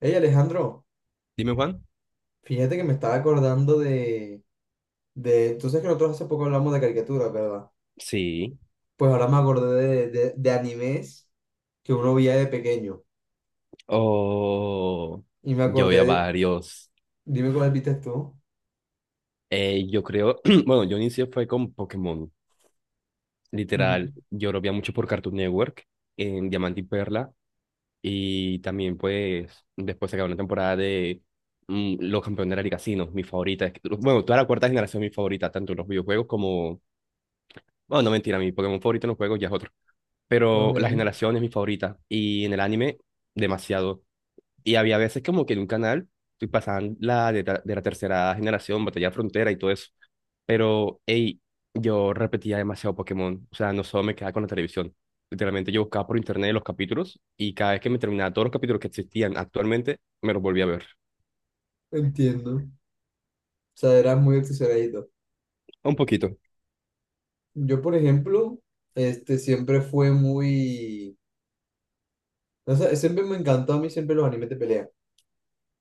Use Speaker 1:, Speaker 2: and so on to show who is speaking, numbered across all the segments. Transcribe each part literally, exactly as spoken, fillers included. Speaker 1: Hey Alejandro,
Speaker 2: Dime, Juan.
Speaker 1: fíjate que me estaba acordando de, de... Tú sabes que nosotros hace poco hablamos de caricaturas, ¿verdad?
Speaker 2: Sí,
Speaker 1: Pues ahora me acordé de, de, de animes que uno veía de pequeño.
Speaker 2: o
Speaker 1: Y me
Speaker 2: yo vi
Speaker 1: acordé
Speaker 2: a
Speaker 1: de-
Speaker 2: varios.
Speaker 1: Dime cuál viste tú.
Speaker 2: Eh, yo creo, bueno, yo inicié fue con Pokémon,
Speaker 1: Ujú.
Speaker 2: literal. Yo lo veía mucho por Cartoon Network, en Diamante y Perla, y también pues después se acabó una temporada de mm, Los Campeones de la Liga Sino, mi favorita. Es que- Bueno, toda la cuarta generación es mi favorita, tanto en los videojuegos como... Bueno, no mentira, mi Pokémon favorito en los juegos ya es otro. Pero
Speaker 1: Ok,
Speaker 2: la generación es mi favorita, y en el anime, demasiado. Y había veces como que en un canal y pasaban la de, ta- de la tercera generación, Batalla Frontera y todo eso. Pero, hey, yo repetía demasiado Pokémon. O sea, no solo me quedaba con la televisión. Literalmente yo buscaba por internet los capítulos y cada vez que me terminaba todos los capítulos que existían actualmente, me los volvía a ver.
Speaker 1: entiendo. O sea, eras muy obsesionadito.
Speaker 2: Un poquito,
Speaker 1: Yo, por ejemplo, este, siempre fue muy... O sea, siempre me encantó a mí siempre los animes de pelea.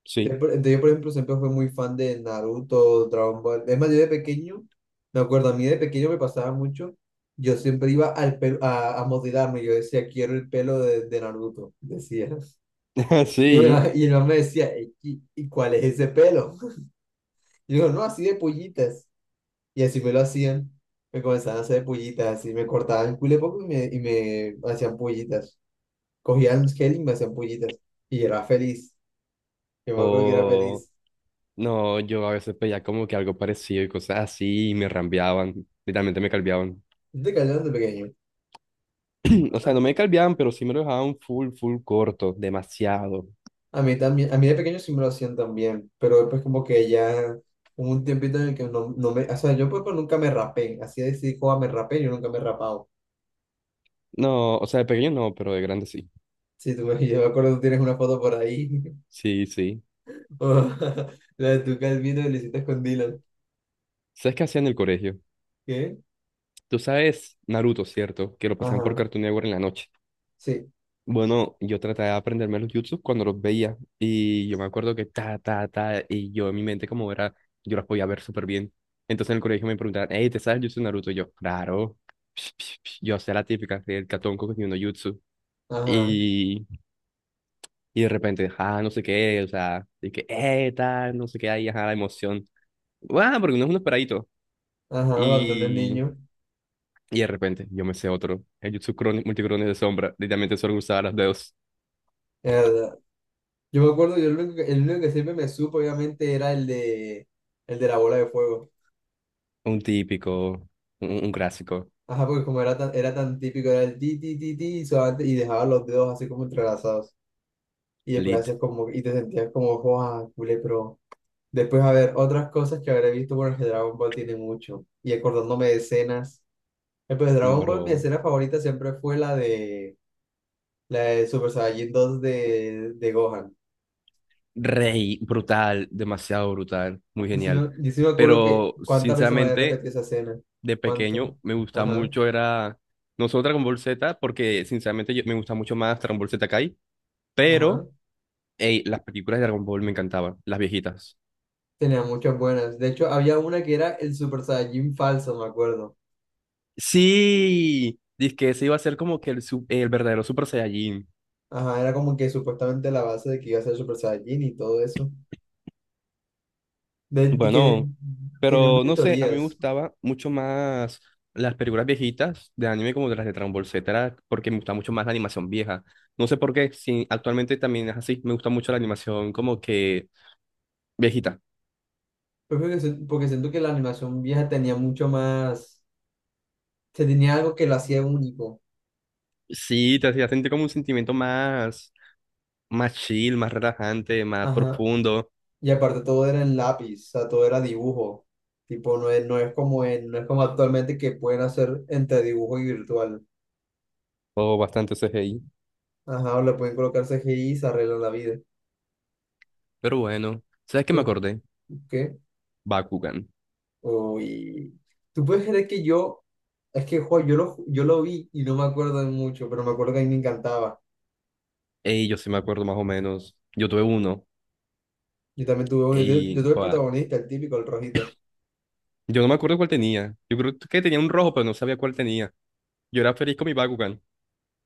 Speaker 2: sí.
Speaker 1: Siempre- entonces yo, por ejemplo, siempre fui muy fan de Naruto, Dragon Ball. Es más, yo de pequeño, me acuerdo, a mí de pequeño me pasaba mucho. Yo siempre iba al pelo, a, a modelarme. Yo decía, quiero el pelo de, de Naruto. Decía. Y el,
Speaker 2: Sí.
Speaker 1: ma- y el man me decía, "Ey, ¿y, y cuál es ese pelo? Y yo, no, así de pollitas. Y así me lo hacían. Me comenzaban a hacer pollitas. Así me cortaban el culo poco y me, y me hacían pollitas. Cogían gel y me hacían pollitas. Y era feliz. Yo me acuerdo que era
Speaker 2: O
Speaker 1: feliz.
Speaker 2: no, yo a veces pedía como que algo parecido y cosas así y me rambeaban. Literalmente me calveaban.
Speaker 1: ¿No te callaron de pequeño?
Speaker 2: O sea, no me calveaban, pero sí me lo dejaban full, full corto, demasiado.
Speaker 1: A mí también, a mí de pequeño sí me lo hacían también, pero después como que ya hubo un tiempito en el que no, no me, o sea, yo pues, pues, nunca me rapé, así de decir, joa, me rapé, yo nunca me he rapado.
Speaker 2: No, o sea, de pequeño no, pero de grande sí.
Speaker 1: Sí, tú, me- yo me acuerdo tú tienes una foto por ahí,
Speaker 2: Sí, sí.
Speaker 1: o la de tu calvino que le hiciste con Dylan.
Speaker 2: ¿Sabes qué hacía en el colegio?
Speaker 1: ¿Qué?
Speaker 2: Tú sabes Naruto, ¿cierto? Que lo pasaban por
Speaker 1: Ajá,
Speaker 2: Cartoon Network en la noche.
Speaker 1: sí,
Speaker 2: Bueno, yo trataba de aprenderme los jutsus cuando los veía. Y yo me acuerdo que ta, ta, ta. Y yo en mi mente, como era, yo las podía ver súper bien. Entonces en el colegio me preguntaban, hey, ¿te sabes el jutsu de Naruto? Y yo, claro. Psh, psh, psh. Yo hacía la típica, el catonco que tiene uno jutsu.
Speaker 1: ajá,
Speaker 2: Y, y de repente, ah, no sé qué, o sea, y que, eh, tal, no sé qué, ahí, ajá, la emoción. Guau, porque uno es un esperadito.
Speaker 1: ajá, cuando era
Speaker 2: Y,
Speaker 1: niño,
Speaker 2: y de repente yo me sé otro. El Jutsu Crone- Multicrones de Sombra. Literalmente solo usaba las dos.
Speaker 1: es verdad. Yo me acuerdo, yo el único, que- el único que siempre me supo, obviamente, era el de, el de la bola de fuego.
Speaker 2: Un típico, un, un clásico.
Speaker 1: Ajá, porque como era tan, era tan típico, era el ti, ti, ti, ti, y suave, y dejaba los dedos así como entrelazados. Y después
Speaker 2: Lit,
Speaker 1: haces como, y te sentías como, joa, culé, pero después a ver otras cosas que habré visto, bueno, que Dragon Ball tiene mucho, y acordándome de escenas, eh, pues Dragon Ball, mi
Speaker 2: bro.
Speaker 1: escena favorita siempre fue la de, la de Super Saiyajin dos de, de Gohan,
Speaker 2: Rey, brutal, demasiado brutal, muy
Speaker 1: y sí,
Speaker 2: genial.
Speaker 1: me- y sí me acuerdo que
Speaker 2: Pero
Speaker 1: cuántas veces me había
Speaker 2: sinceramente,
Speaker 1: repetido esa escena,
Speaker 2: de
Speaker 1: cuántas,
Speaker 2: pequeño me gustaba
Speaker 1: ajá,
Speaker 2: mucho, era. No solo Dragon Ball Z, porque sinceramente yo- me gusta mucho más Dragon Ball Z Kai,
Speaker 1: ajá,
Speaker 2: pero ey, las películas de Dragon Ball me encantaban, las viejitas.
Speaker 1: tenía muchas buenas, de hecho había una que era el Super Saiyajin falso, me acuerdo.
Speaker 2: Sí, dice que ese iba a ser como que el, su- el verdadero Super Saiyajin.
Speaker 1: Ajá, era como que supuestamente la base de que iba a ser Super Saiyajin y todo eso. De, de que
Speaker 2: Bueno,
Speaker 1: tiene
Speaker 2: pero
Speaker 1: muchas
Speaker 2: no sé, a mí me
Speaker 1: teorías.
Speaker 2: gustaba mucho más las películas viejitas de anime como de las de Dragon Ball Z, era porque me gusta mucho más la animación vieja. No sé por qué, sí, actualmente también es así, me gusta mucho la animación como que viejita.
Speaker 1: Pero creo que se- porque siento que la animación vieja tenía mucho más, se tenía algo que lo hacía único.
Speaker 2: Sí, te hacía sentir como un sentimiento más, más chill, más relajante, más
Speaker 1: Ajá.
Speaker 2: profundo,
Speaker 1: Y aparte todo era en lápiz, o sea, todo era dibujo. Tipo, no es, no es como en, no es como actualmente que pueden hacer entre dibujo y virtual.
Speaker 2: o bastante C G I.
Speaker 1: Ajá, o le pueden colocar C G I y se arreglan la vida.
Speaker 2: Pero bueno, ¿sabes qué me
Speaker 1: Pe-
Speaker 2: acordé?
Speaker 1: ¿Qué?
Speaker 2: Bakugan.
Speaker 1: Uy. ¿Tú puedes creer que yo, es que, jo, yo lo, yo lo vi y no me acuerdo de mucho, pero me acuerdo que a mí me encantaba.
Speaker 2: Ey, yo sí me acuerdo más o menos. Yo tuve uno.
Speaker 1: Yo también tuve uno, yo yo
Speaker 2: Y,
Speaker 1: tuve el
Speaker 2: joda,
Speaker 1: protagonista, el típico, el rojito.
Speaker 2: yo no me acuerdo cuál tenía. Yo creo que tenía un rojo, pero no sabía cuál tenía. Yo era feliz con mi Bakugan.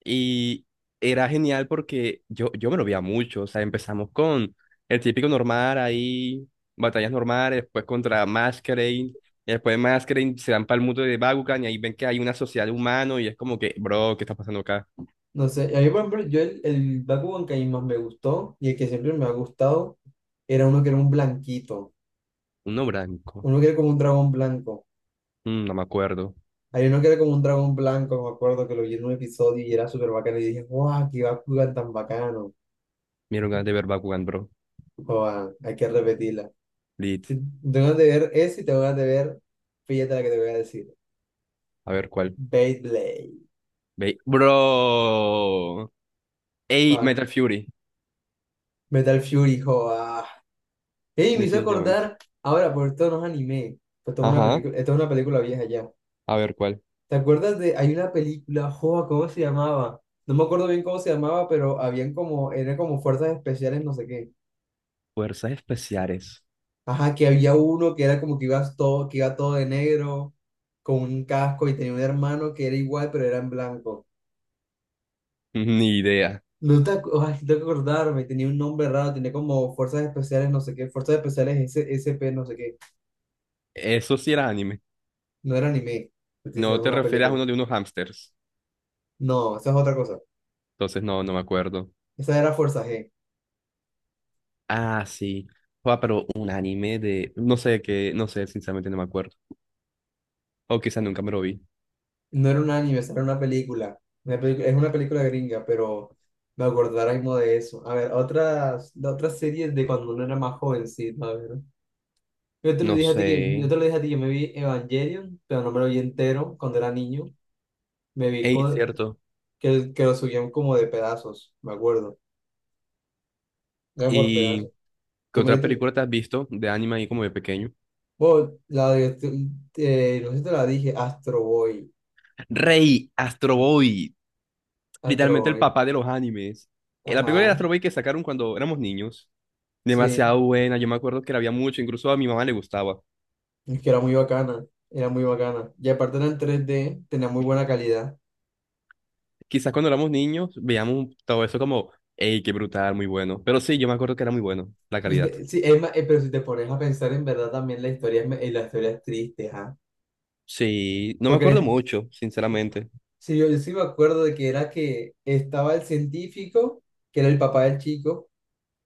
Speaker 2: Y era genial porque yo, yo me lo veía mucho. O sea, empezamos con el típico normal ahí, batallas normales, después contra Masquerade. Y después de Masquerade se van para el mundo de Bakugan y ahí ven que hay una sociedad de humanos y es como que, bro, ¿qué está pasando acá?
Speaker 1: No sé, a mí, por ejemplo, yo el, el Bakugan que a mí más me gustó y el que siempre me ha gustado era uno que era un blanquito,
Speaker 2: Uno blanco.
Speaker 1: uno que era como un dragón blanco.
Speaker 2: Mm, no me acuerdo.
Speaker 1: Hay uno que era como un dragón blanco, me acuerdo que lo vi en un episodio y era súper bacano y dije, ¡guau, qué Bakugan tan bacano!
Speaker 2: Me dieron ganas de ver Bakugan, bro.
Speaker 1: Joa, hay que repetirla.
Speaker 2: Lit.
Speaker 1: Tengo ganas de ver ese y tengo ganas de ver, fíjate la que te voy a decir,
Speaker 2: A ver cuál.
Speaker 1: Beyblade,
Speaker 2: Ve- Bro. Ey,
Speaker 1: ah,
Speaker 2: Metal Fury,
Speaker 1: Metal Fury, joa. Ey, me hizo
Speaker 2: definitivamente.
Speaker 1: acordar ahora, por esto no es anime, pues esto es una
Speaker 2: Ajá,
Speaker 1: película, esto es una película vieja ya.
Speaker 2: a ver cuál.
Speaker 1: ¿Te acuerdas de, hay una película, joa, ¿cómo se llamaba? No me acuerdo bien cómo se llamaba, pero habían como, eran como fuerzas especiales, no sé qué.
Speaker 2: Fuerzas especiales.
Speaker 1: Ajá, que había uno que era como que iba todo, que iba todo de negro, con un casco, y tenía un hermano que era igual, pero era en blanco.
Speaker 2: Ni idea.
Speaker 1: No te, acu- ay, no tengo que acordarme, tenía un nombre raro, tenía como fuerzas especiales, no sé qué, fuerzas especiales S- SP, no sé qué.
Speaker 2: Eso sí era anime.
Speaker 1: No era anime, te estoy diciendo,
Speaker 2: No
Speaker 1: es
Speaker 2: te
Speaker 1: una
Speaker 2: refieres a
Speaker 1: película.
Speaker 2: uno de unos hamsters.
Speaker 1: No, esa es otra cosa.
Speaker 2: Entonces no, no me acuerdo.
Speaker 1: Esa era Fuerza G.
Speaker 2: Ah, sí. Joa, pero un anime de... No sé qué, no sé, sinceramente no me acuerdo. O quizás nunca me lo vi.
Speaker 1: No era un anime, esa era una película. Una pelicu- es una película gringa, pero me acuerdo ahora mismo de eso. A ver, otras, de otras series de cuando uno era más jovencito, a ver. Yo te lo
Speaker 2: No
Speaker 1: dije a ti
Speaker 2: sé.
Speaker 1: que, yo te lo dije a ti, yo me vi Evangelion, pero no me lo vi entero cuando era niño. Me vi
Speaker 2: Ey,
Speaker 1: con,
Speaker 2: cierto.
Speaker 1: que, que lo subían como de pedazos, me acuerdo. Era por pedazos.
Speaker 2: ¿Y qué
Speaker 1: Tú me
Speaker 2: otra
Speaker 1: dijiste-
Speaker 2: película te has visto de anime ahí como de pequeño?
Speaker 1: vos, la de, eh, no sé si te la dije, Astro Boy.
Speaker 2: Rey, Astro Boy.
Speaker 1: Astro
Speaker 2: Literalmente el
Speaker 1: Boy.
Speaker 2: papá de los animes. Eh, La película de
Speaker 1: Ajá.
Speaker 2: Astro Boy que sacaron cuando éramos niños,
Speaker 1: Sí.
Speaker 2: demasiado buena, yo me acuerdo que la había mucho, incluso a mi mamá le gustaba.
Speaker 1: Es que era muy bacana, era muy bacana. Y aparte era en tres d tenía muy buena calidad.
Speaker 2: Quizás cuando éramos niños veíamos todo eso como, hey, qué brutal, muy bueno. Pero sí, yo me acuerdo que era muy bueno, la
Speaker 1: Es
Speaker 2: calidad.
Speaker 1: de- sí, es ma- eh, pero si te pones a pensar en verdad también la historia es, me- eh, la historia es triste, ajá.
Speaker 2: Sí, no me acuerdo
Speaker 1: Porque
Speaker 2: mucho, sinceramente.
Speaker 1: si yo, yo sí me acuerdo de que era que estaba el científico, que era el papá del chico,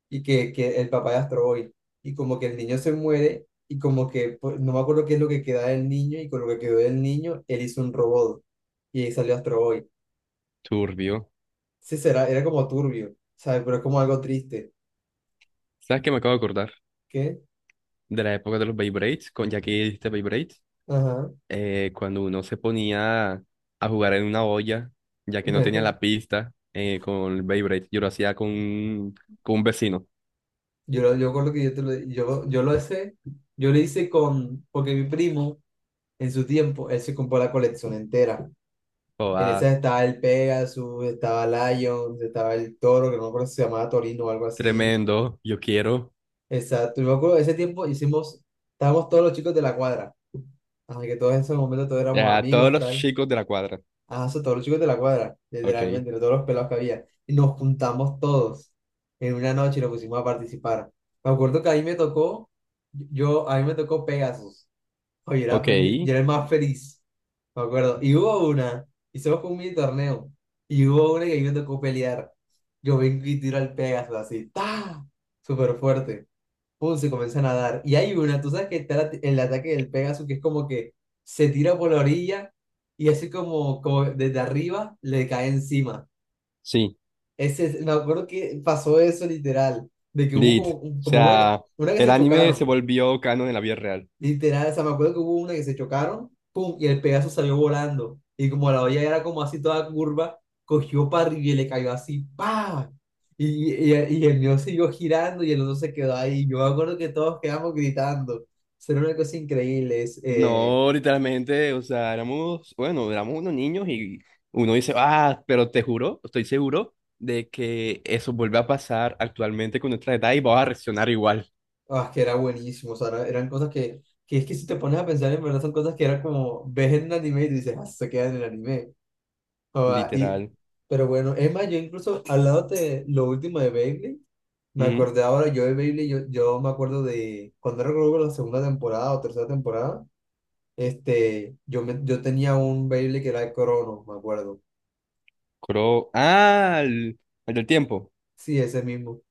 Speaker 1: y que, que el papá de Astro Boy. Y como que el niño se muere, y como que pues, no me acuerdo qué es lo que queda del niño, y con lo que quedó del niño, él hizo un robot. Y ahí salió Astro Boy.
Speaker 2: Turbio.
Speaker 1: Sí, será, era como turbio, ¿sabes? Pero es como algo triste.
Speaker 2: ¿Sabes qué me acabo de acordar?
Speaker 1: ¿Qué?
Speaker 2: De la época de los Beyblades, con ya que dijiste Beyblade.
Speaker 1: Ajá.
Speaker 2: eh, cuando uno se ponía a jugar en una olla, ya que no tenía la pista eh, con el Beyblade. Yo lo hacía con, un- con un vecino.
Speaker 1: Yo, lo- yo recuerdo que yo, te lo, yo, yo lo hice, yo lo hice con, porque mi primo en su tiempo, él se compró la colección entera.
Speaker 2: Oh,
Speaker 1: En
Speaker 2: ah,
Speaker 1: esa estaba el Pegasus, estaba Lions, estaba el Toro, que no me acuerdo si se llamaba Torino o algo así.
Speaker 2: tremendo, yo quiero.
Speaker 1: Exacto, yo me acuerdo, ese tiempo hicimos, estábamos todos los chicos de la cuadra, así que todos esos momentos todos éramos
Speaker 2: A todos
Speaker 1: amigos,
Speaker 2: los
Speaker 1: tal.
Speaker 2: chicos de la cuadra.
Speaker 1: Ajá, o sea, todos los chicos de la cuadra,
Speaker 2: Ok,
Speaker 1: literalmente, de todos los pelados que había. Y nos juntamos todos en una noche y nos pusimos a participar. Me acuerdo que ahí me tocó, yo, a mí me tocó Pegasus. Oye, era,
Speaker 2: ok,
Speaker 1: fel- yo era el más feliz, me acuerdo. Y hubo una, hicimos como un mini torneo, y hubo una que a mí me tocó pelear. Yo vengo y tiro al Pegasus así, ¡ta! Súper fuerte pum, se comienzan a dar. Y hay una, tú sabes que está la- el ataque del Pegaso, que es como que se tira por la orilla y así como, como desde arriba le cae encima.
Speaker 2: sí,
Speaker 1: Ese, es- me acuerdo que pasó eso literal, de que hubo
Speaker 2: lit. O
Speaker 1: como, como una, que-
Speaker 2: sea,
Speaker 1: una que
Speaker 2: el
Speaker 1: se
Speaker 2: anime se
Speaker 1: chocaron.
Speaker 2: volvió canon en la vida real.
Speaker 1: Literal, o sea, me acuerdo que hubo una que se chocaron, pum, y el Pegaso salió volando. Y como la olla era como así toda curva, cogió para arriba y le cayó así, ¡pa! Y, y, y el mío siguió girando y el otro se quedó ahí. Yo me acuerdo que todos quedamos gritando. O sea, era una cosa increíble, es, eh,
Speaker 2: No, literalmente, o sea, éramos, bueno, éramos unos niños y uno dice, ah, pero te juro, estoy seguro de que eso vuelve a pasar actualmente con nuestra edad y vamos a reaccionar igual,
Speaker 1: ah, que era buenísimo. O sea, era- eran cosas que, que es que si te pones a pensar, en verdad son cosas que era como, ves en el anime y tú dices, ah, se queda en el anime. O sea, y,
Speaker 2: literal.
Speaker 1: pero bueno, Emma, yo incluso al lado de lo último de Beyblade. Me
Speaker 2: Ujú.
Speaker 1: acordé ahora, yo de Beyblade, yo, yo me acuerdo de cuando era creo que la segunda temporada o tercera temporada, este, yo, me, yo tenía un Beyblade que era el Crono, me acuerdo.
Speaker 2: Coro- ah, el, el del tiempo.
Speaker 1: Sí, ese mismo.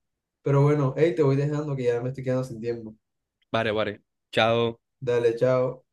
Speaker 1: Pero bueno, hey, te voy dejando que ya me estoy quedando sin tiempo.
Speaker 2: Vale, vale. Chao.
Speaker 1: Dale, chao.